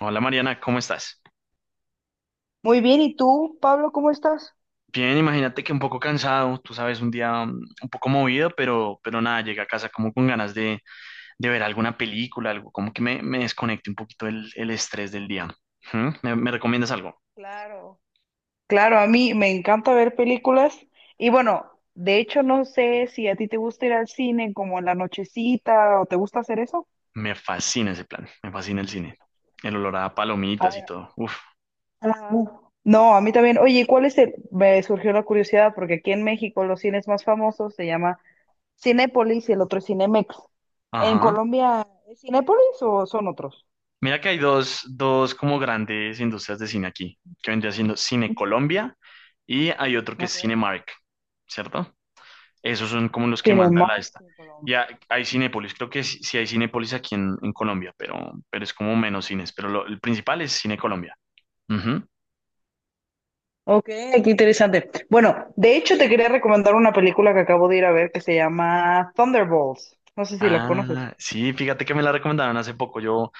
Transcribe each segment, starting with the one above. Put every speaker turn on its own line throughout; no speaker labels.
Hola Mariana, ¿cómo estás?
Muy bien, ¿y tú, Pablo, cómo estás?
Bien, imagínate que un poco cansado, tú sabes, un día un poco movido, pero nada, llegué a casa como con ganas de ver alguna película, algo como que me desconecte un poquito el estrés del día. ¿Mm? ¿Me recomiendas algo?
Claro, claro, a mí me encanta ver películas y bueno, de hecho no sé si a ti te gusta ir al cine como en la nochecita o te gusta hacer eso.
Me fascina ese plan, me fascina el cine, el olor a
A
palomitas y
ver.
todo. Uf,
Ajá. No, a mí también. Oye, ¿cuál es el? Me surgió la curiosidad porque aquí en México los cines más famosos se llama Cinépolis y el otro es Cinemex. ¿En
ajá.
Colombia es Cinépolis o son otros?
Mira que hay dos como grandes industrias de cine aquí, que vendría siendo Cine
Ujú.
Colombia y hay otro que es
Okay.
Cinemark, ¿cierto? Esos son como los que mandan la
Cinemark,
esta.
en Colombia.
Ya hay Cinépolis, creo que sí, sí hay Cinépolis aquí en Colombia, pero es como menos cines. Pero el principal es Cine Colombia. Ujú.
Ok, qué interesante. Bueno, de hecho te quería recomendar una película que acabo de ir a ver que se llama Thunderbolts. No sé si la conoces.
Ah, sí, fíjate que me la recomendaron hace poco. Yo,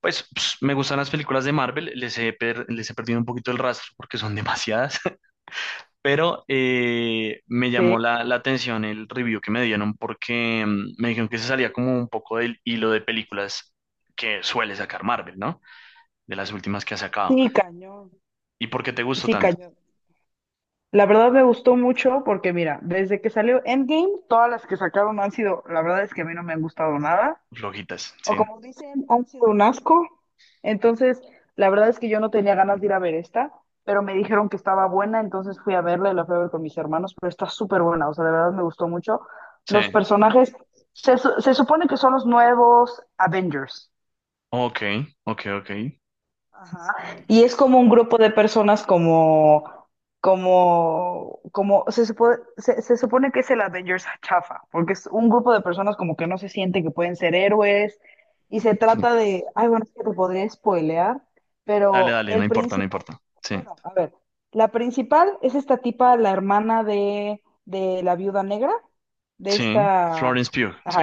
pues, me gustan las películas de Marvel, les he perdido un poquito el rastro porque son demasiadas, pero me llamó
Sí.
la atención el review que me dieron porque me dijeron que se salía como un poco del hilo de películas que suele sacar Marvel, ¿no? De las últimas que ha sacado.
Sí, cañón.
¿Y por qué te gustó
Sí,
tanto?
cañón. La verdad me gustó mucho porque mira, desde que salió Endgame, todas las que sacaron han sido, la verdad es que a mí no me han gustado nada.
Flojitas,
O
sí,
como dicen, han sido un asco. Entonces, la verdad es que yo no tenía ganas de ir a ver esta, pero me dijeron que estaba buena, entonces fui a verla y la fui a ver con mis hermanos, pero está súper buena, o sea, de verdad me gustó mucho.
sí.
Los personajes, se supone que son los nuevos Avengers.
Ok, ok, ok.
Ajá. Y es como un grupo de personas se se supone que es el Avengers chafa, porque es un grupo de personas como que no se sienten que pueden ser héroes, y se trata de, ay, bueno, es que te podría spoilear,
Dale,
pero
dale, no
el
importa, no
principal,
importa. Sí,
bueno, a ver, la principal es esta tipa, la hermana de la viuda negra, de
sí.
esta,
Florence Pugh, sí.
ajá.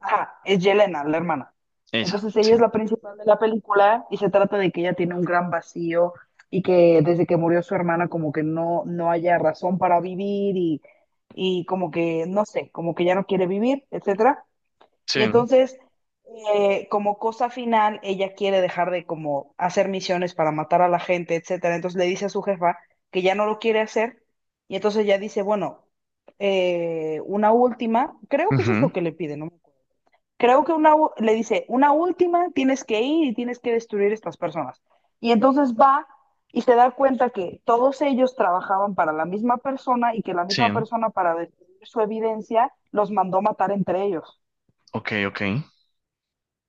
Ajá, es Yelena, la hermana.
Esa,
Entonces ella es
sí,
la principal de la película y se trata de que ella tiene un gran vacío y que desde que murió su hermana como que no haya razón para vivir y como que, no sé, como que ya no quiere vivir, etcétera.
sí.
Y entonces, como cosa final, ella quiere dejar de como hacer misiones para matar a la gente, etcétera. Entonces le dice a su jefa que ya no lo quiere hacer y entonces ella dice, bueno, una última, creo que eso es
Ujú,
lo que le pide, ¿no? Creo que le dice, una última, tienes que ir y tienes que destruir estas personas. Y entonces va y se da cuenta que todos ellos trabajaban para la misma persona y que la
sí,
misma persona para destruir su evidencia los mandó matar entre ellos.
ok, ok.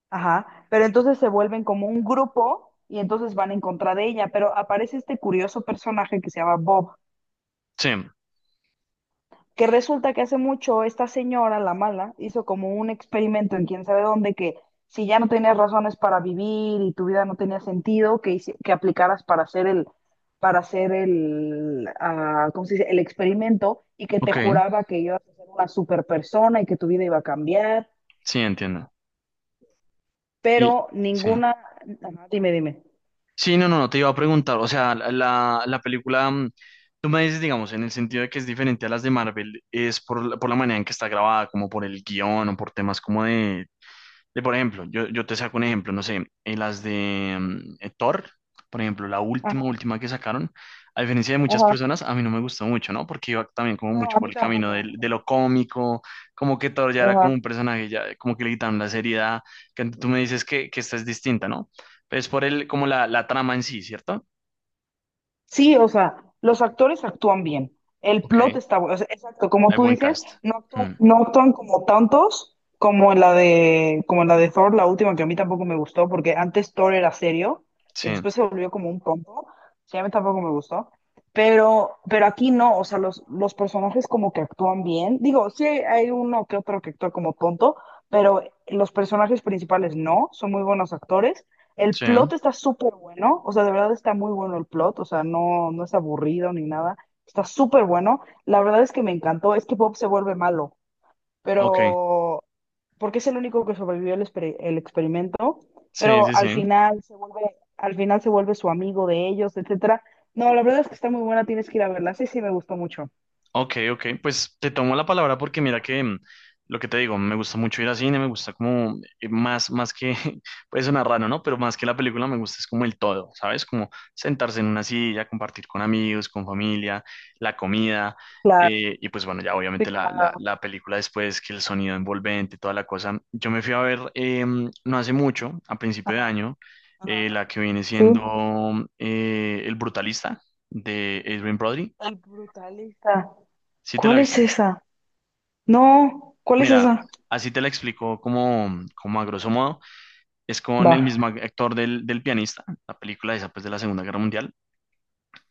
Ajá, pero entonces se vuelven como un grupo y entonces van en contra de ella, pero aparece este curioso personaje que se llama Bob,
Sí,
que resulta que hace mucho esta señora, la mala, hizo como un experimento en quién sabe dónde que si ya no tenías razones para vivir y tu vida no tenía sentido, que, que aplicaras para hacer el, ah, ¿cómo se dice? El experimento y que te
ok,
juraba que ibas a ser una super persona y que tu vida iba a cambiar,
sí, entiendo. Y,
pero
sí.
ninguna. Ajá, dime, dime.
Sí, no, no, no, te iba a preguntar, o sea, la película, tú me dices, digamos, en el sentido de que es diferente a las de Marvel, es por, por la manera en que está grabada, como por el guión o por temas como de. De, por ejemplo, yo te saco un ejemplo, no sé, en las de Thor, por ejemplo, la última,
Ajá,
última que sacaron, a diferencia de muchas
ajá.
personas, a mí no me gustó mucho, ¿no? Porque iba también como
No,
mucho
a
por
mí
el camino
tampoco.
de lo cómico, como que Thor ya era como
Ajá.
un personaje, ya como que le quitaron la seriedad, que tú me dices que esta es distinta, ¿no? Pero es por el, como la trama en sí, ¿cierto?
Sí, o sea, los actores actúan bien. El plot
Ok,
está bueno. O sea, exacto, como
hay
tú
buen
dices,
cast.
no actúan,
Mm,
no actúan como tantos como en la de, como en la de Thor, la última que a mí tampoco me gustó, porque antes Thor era serio y
sí,
después se volvió como un tonto. Sí, a mí tampoco me gustó. Pero aquí no, o sea, los personajes como que actúan bien. Digo, hay uno que otro que actúa como tonto, pero los personajes principales no, son muy buenos actores. El
sí,
plot está súper bueno, o sea, de verdad está muy bueno el plot, o sea, no es aburrido ni nada, está súper bueno. La verdad es que me encantó, es que Bob se vuelve malo,
ok,
pero porque es el único que sobrevivió el experimento,
sí,
pero
sí,
al
sí.
final se vuelve, al final se vuelve su amigo de ellos, etcétera. No, la verdad es que está muy buena, tienes que ir a verla. Sí, sí, me gustó mucho.
Ok, ok, pues te tomo la palabra porque mira que lo que te digo, me gusta mucho ir al cine, me gusta como más que, puede sonar raro, ¿no? Pero más que la película me gusta es como el todo, ¿sabes? Como sentarse en una silla, compartir con amigos, con familia, la comida,
Claro,
y pues bueno, ya
sí,
obviamente la, la,
claro.
la película después, que el sonido envolvente, toda la cosa. Yo me fui a ver no hace mucho, a principio de
Ajá,
año,
ajá. Ajá.
la que viene
Sí.
siendo El Brutalista de Adrien Brody.
El brutalista.
¿Sí te la
¿Cuál es
viste?
esa? No, ¿cuál es
Mira,
esa?
así te la explico como a grosso modo. Es con el
Va.
mismo actor del pianista, la película esa pues de la Segunda Guerra Mundial.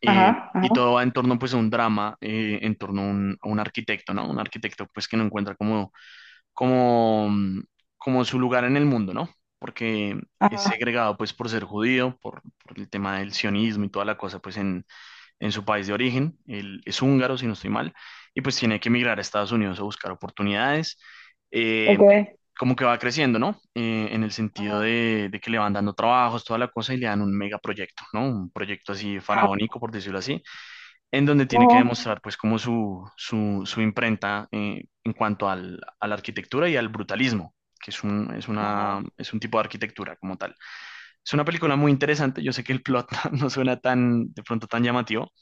Eh,
Ajá,
y
ajá,
todo va en torno pues a un drama, en torno a un arquitecto, ¿no? Un arquitecto pues que no encuentra como, mm, como su lugar en el mundo, ¿no? Porque es
ajá,
segregado pues por ser judío, por el tema del sionismo y toda la cosa pues en su país de origen, él es húngaro, si no estoy mal, y pues tiene que emigrar a Estados Unidos a buscar oportunidades, eh,
ok,
como que va creciendo, ¿no? En el sentido
ajá,
de que le van dando trabajos, toda la cosa, y le dan un megaproyecto, ¿no? Un proyecto así
ajá,
faraónico, por decirlo así, en donde tiene que
no,
demostrar pues como su imprenta en cuanto a la arquitectura y al brutalismo. que es un, es una,
ajá,
es un tipo de arquitectura como tal. Es una película muy interesante, yo sé que el plot no suena tan, de pronto tan llamativo,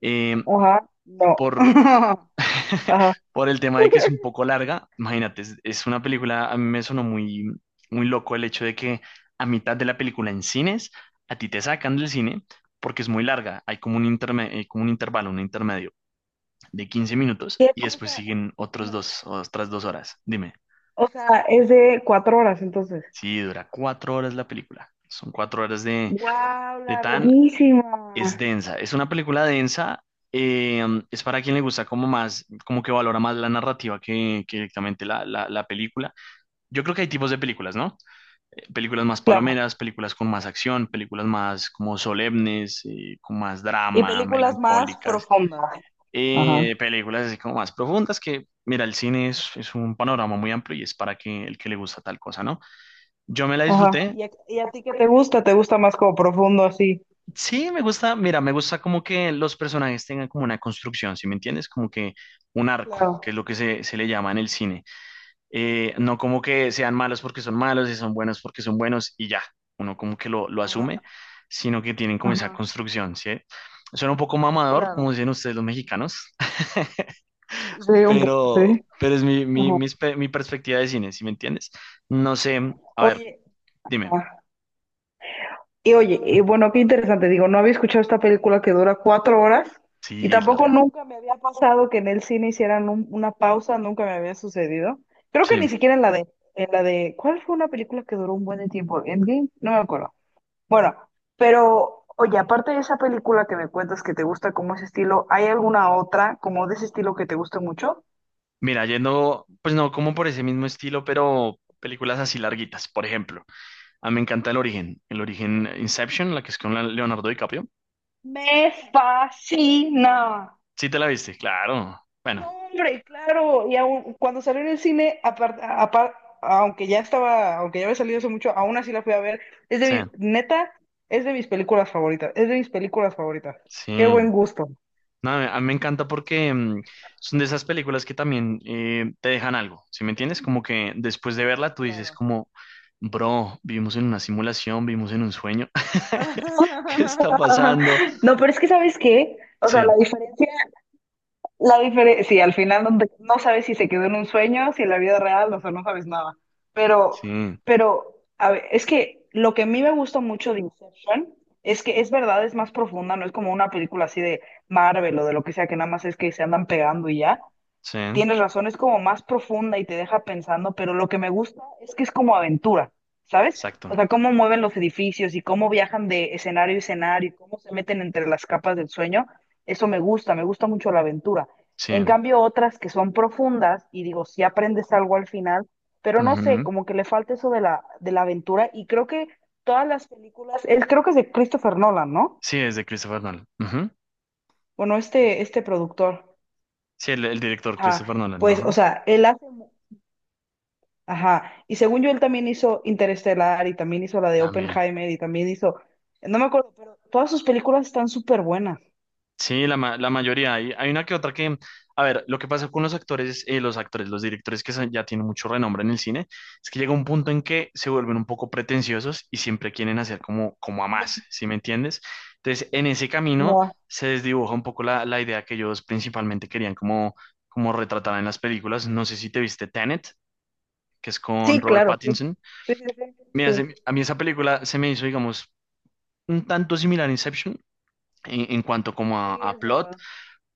eh,
ajá, no,
por,
ajá.
por el tema de que es un poco larga. Imagínate, es una película, a mí me sonó muy, muy loco el hecho de que a mitad de la película en cines, a ti te sacan del cine porque es muy larga. Hay como un intervalo, un intermedio de 15 minutos
¿Qué
y después
cosa?
siguen otros
No,
dos, otras dos horas. Dime,
o sea, es de cuatro horas, entonces.
si dura 4 horas la película. Son 4 horas de,
¡Guau,
de tan.
larguísima!
Es densa, es una película densa, eh, es para quien le gusta como más, como que valora más la narrativa que directamente la película. Yo creo que hay tipos de películas, ¿no? Películas más
Claro.
palomeras, películas con más acción, películas más como solemnes, con más
Y
drama,
películas más
melancólicas,
profundas. Ajá,
películas así como más profundas que, mira, el cine es un panorama muy amplio y es para que, el que le gusta tal cosa, ¿no? Yo me la
ajá.
disfruté.
Y a ti qué te gusta? ¿Te gusta más como profundo así?
Sí, me gusta, mira, me gusta como que los personajes tengan como una construcción, ¿sí me entiendes? Como que un arco, que es
Claro.
lo que se le llama en el cine. No como que sean malos porque son malos y son buenos porque son buenos y ya, uno como que lo asume,
Ajá,
sino que tienen como esa
ajá,
construcción, ¿sí? Suena un poco mamador,
claro.
como dicen ustedes los mexicanos,
Sí, un poco,
pero,
sí.
pero es mi, mi,
Ajá.
mis pe- mi perspectiva de cine, ¿sí me entiendes? No sé, a ver,
Oye,
dime,
ajá. Y oye, y bueno, qué interesante, digo, no había escuchado esta película que dura cuatro horas y
sí, es
tampoco
larga,
nunca me había pasado que en el cine hicieran una pausa, nunca me había sucedido. Creo que ni
sí.
siquiera en la de, ¿cuál fue una película que duró un buen de tiempo? ¿Endgame? No me acuerdo. Bueno, pero oye, aparte de esa película que me cuentas que te gusta como ese estilo, ¿hay alguna otra como de ese estilo que te guste mucho?
Mira, yendo, pues no como por ese mismo estilo, pero películas así larguitas, por ejemplo. A mí me encanta El Origen, El Origen Inception, la que es con Leonardo DiCaprio.
Me fascina.
Sí te la viste, claro.
No,
Bueno,
hombre, claro. Y aún, cuando salió en el cine, aunque ya estaba, aunque ya había salido hace mucho, aún así la fui a ver. Es de
sí,
mi, neta, es de mis películas favoritas. Es de mis películas favoritas. Qué buen
sí.
gusto.
No, a mí me encanta porque son de esas películas que también te dejan algo, ¿sí me entiendes? Como que después de verla tú dices
Claro.
como, bro, vivimos en una simulación, vivimos en un sueño. ¿Qué está pasando?
No, pero es que, ¿sabes qué? O sea, la
Sí,
diferencia. La diferencia, sí, al final no, no sabes si se quedó en un sueño, si en la vida real, o sea, no sabes nada. Pero,
sí,
pero, a ver, es que lo que a mí me gusta mucho de Inception es que es verdad, es más profunda, no es como una película así de Marvel o de lo que sea, que nada más es que se andan pegando y ya.
sí,
Tienes razón, es como más profunda y te deja pensando, pero lo que me gusta es que es como aventura, ¿sabes? O
exacto,
sea, cómo mueven los edificios y cómo viajan de escenario a escenario y cómo se meten entre las capas del sueño, eso me gusta mucho la aventura. En
sí.
cambio, otras que son profundas y digo, si aprendes algo al final, pero no sé,
Ujú.
como que le falta eso de la aventura y creo que todas las películas, creo que es de Christopher Nolan, ¿no?
Sí, es de Christopher Nolan. Ujú.
Bueno, este productor,
Sí, el director
ajá,
Christopher Nolan,
pues, o
ajá.
sea, él hace. Ajá, y según yo él también hizo Interestelar y también hizo la de
También.
Oppenheimer y también hizo, no me acuerdo, pero todas sus películas están súper buenas.
Sí, la mayoría. Hay una que otra que, a ver, lo que pasa con los actores, los directores que ya tienen mucho renombre en el cine, es que llega un punto en que se vuelven un poco pretenciosos y siempre quieren hacer como a más,
Ujú.
¿sí me entiendes? Entonces, en ese camino
Mua.
se desdibuja un poco la idea que ellos principalmente querían como retratar en las películas. No sé si te viste Tenet, que es con
Sí,
Robert
claro, sí.
Pattinson.
Sí, sí, sí. Sí.
Mira, a mí esa película se me hizo, digamos, un tanto similar a Inception en cuanto como a,
Sí,
a
es
plot,
verdad.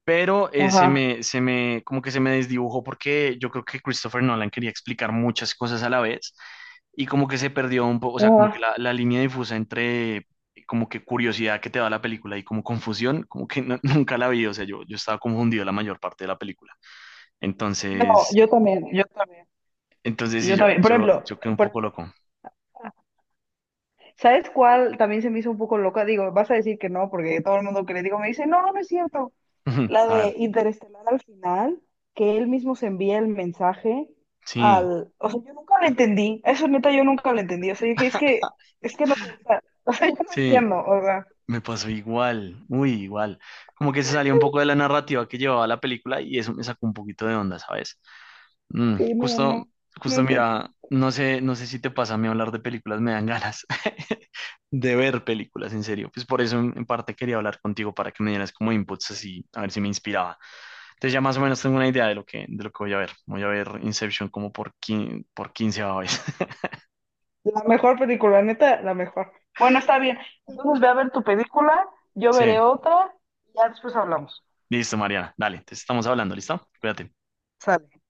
pero se
Ajá,
me, se me, como que se me desdibujó porque yo creo que Christopher Nolan quería explicar muchas cosas a la vez y como que se perdió un poco, o sea, como que
ajá.
la línea difusa entre como que curiosidad que te da la película y como confusión, como que nunca la vi, o sea, yo estaba confundido la mayor parte de la película.
No,
Entonces,
yo también, yo también,
entonces sí,
yo
yo,
también.
yo, yo quedé un
Por
poco
ejemplo,
loco.
¿sabes cuál también se me hizo un poco loca? Digo, vas a decir que no, porque todo el mundo que le digo me dice, no, no no es cierto. La
A ver,
de Interestelar al final, que él mismo se envía el mensaje
sí,
al... O sea, yo nunca lo entendí. Eso neta, yo nunca lo entendí. O sea, dije, es que no puede estar. O sea, yo no
sí.
entiendo. O sea,
Me pasó igual, muy igual. Como que se salió un poco de la narrativa que llevaba la película y eso me sacó un poquito de onda, ¿sabes? Mm,
sí, no, no,
justo,
no
justo
entendí.
mira, no sé si te pasa a mí hablar de películas, me dan ganas de ver películas, en serio. Pues por eso en parte quería hablar contigo para que me dieras como inputs así, a ver si me inspiraba. Entonces ya más o menos tengo una idea de lo que voy a ver. Voy a ver Inception como por quince vez.
La mejor película, neta, la mejor. Bueno, está bien. Entonces ve a ver tu película, yo
Sí,
veré otra y ya después hablamos.
listo, Mariana. Dale, te estamos hablando, ¿listo? Cuídate.
Sale.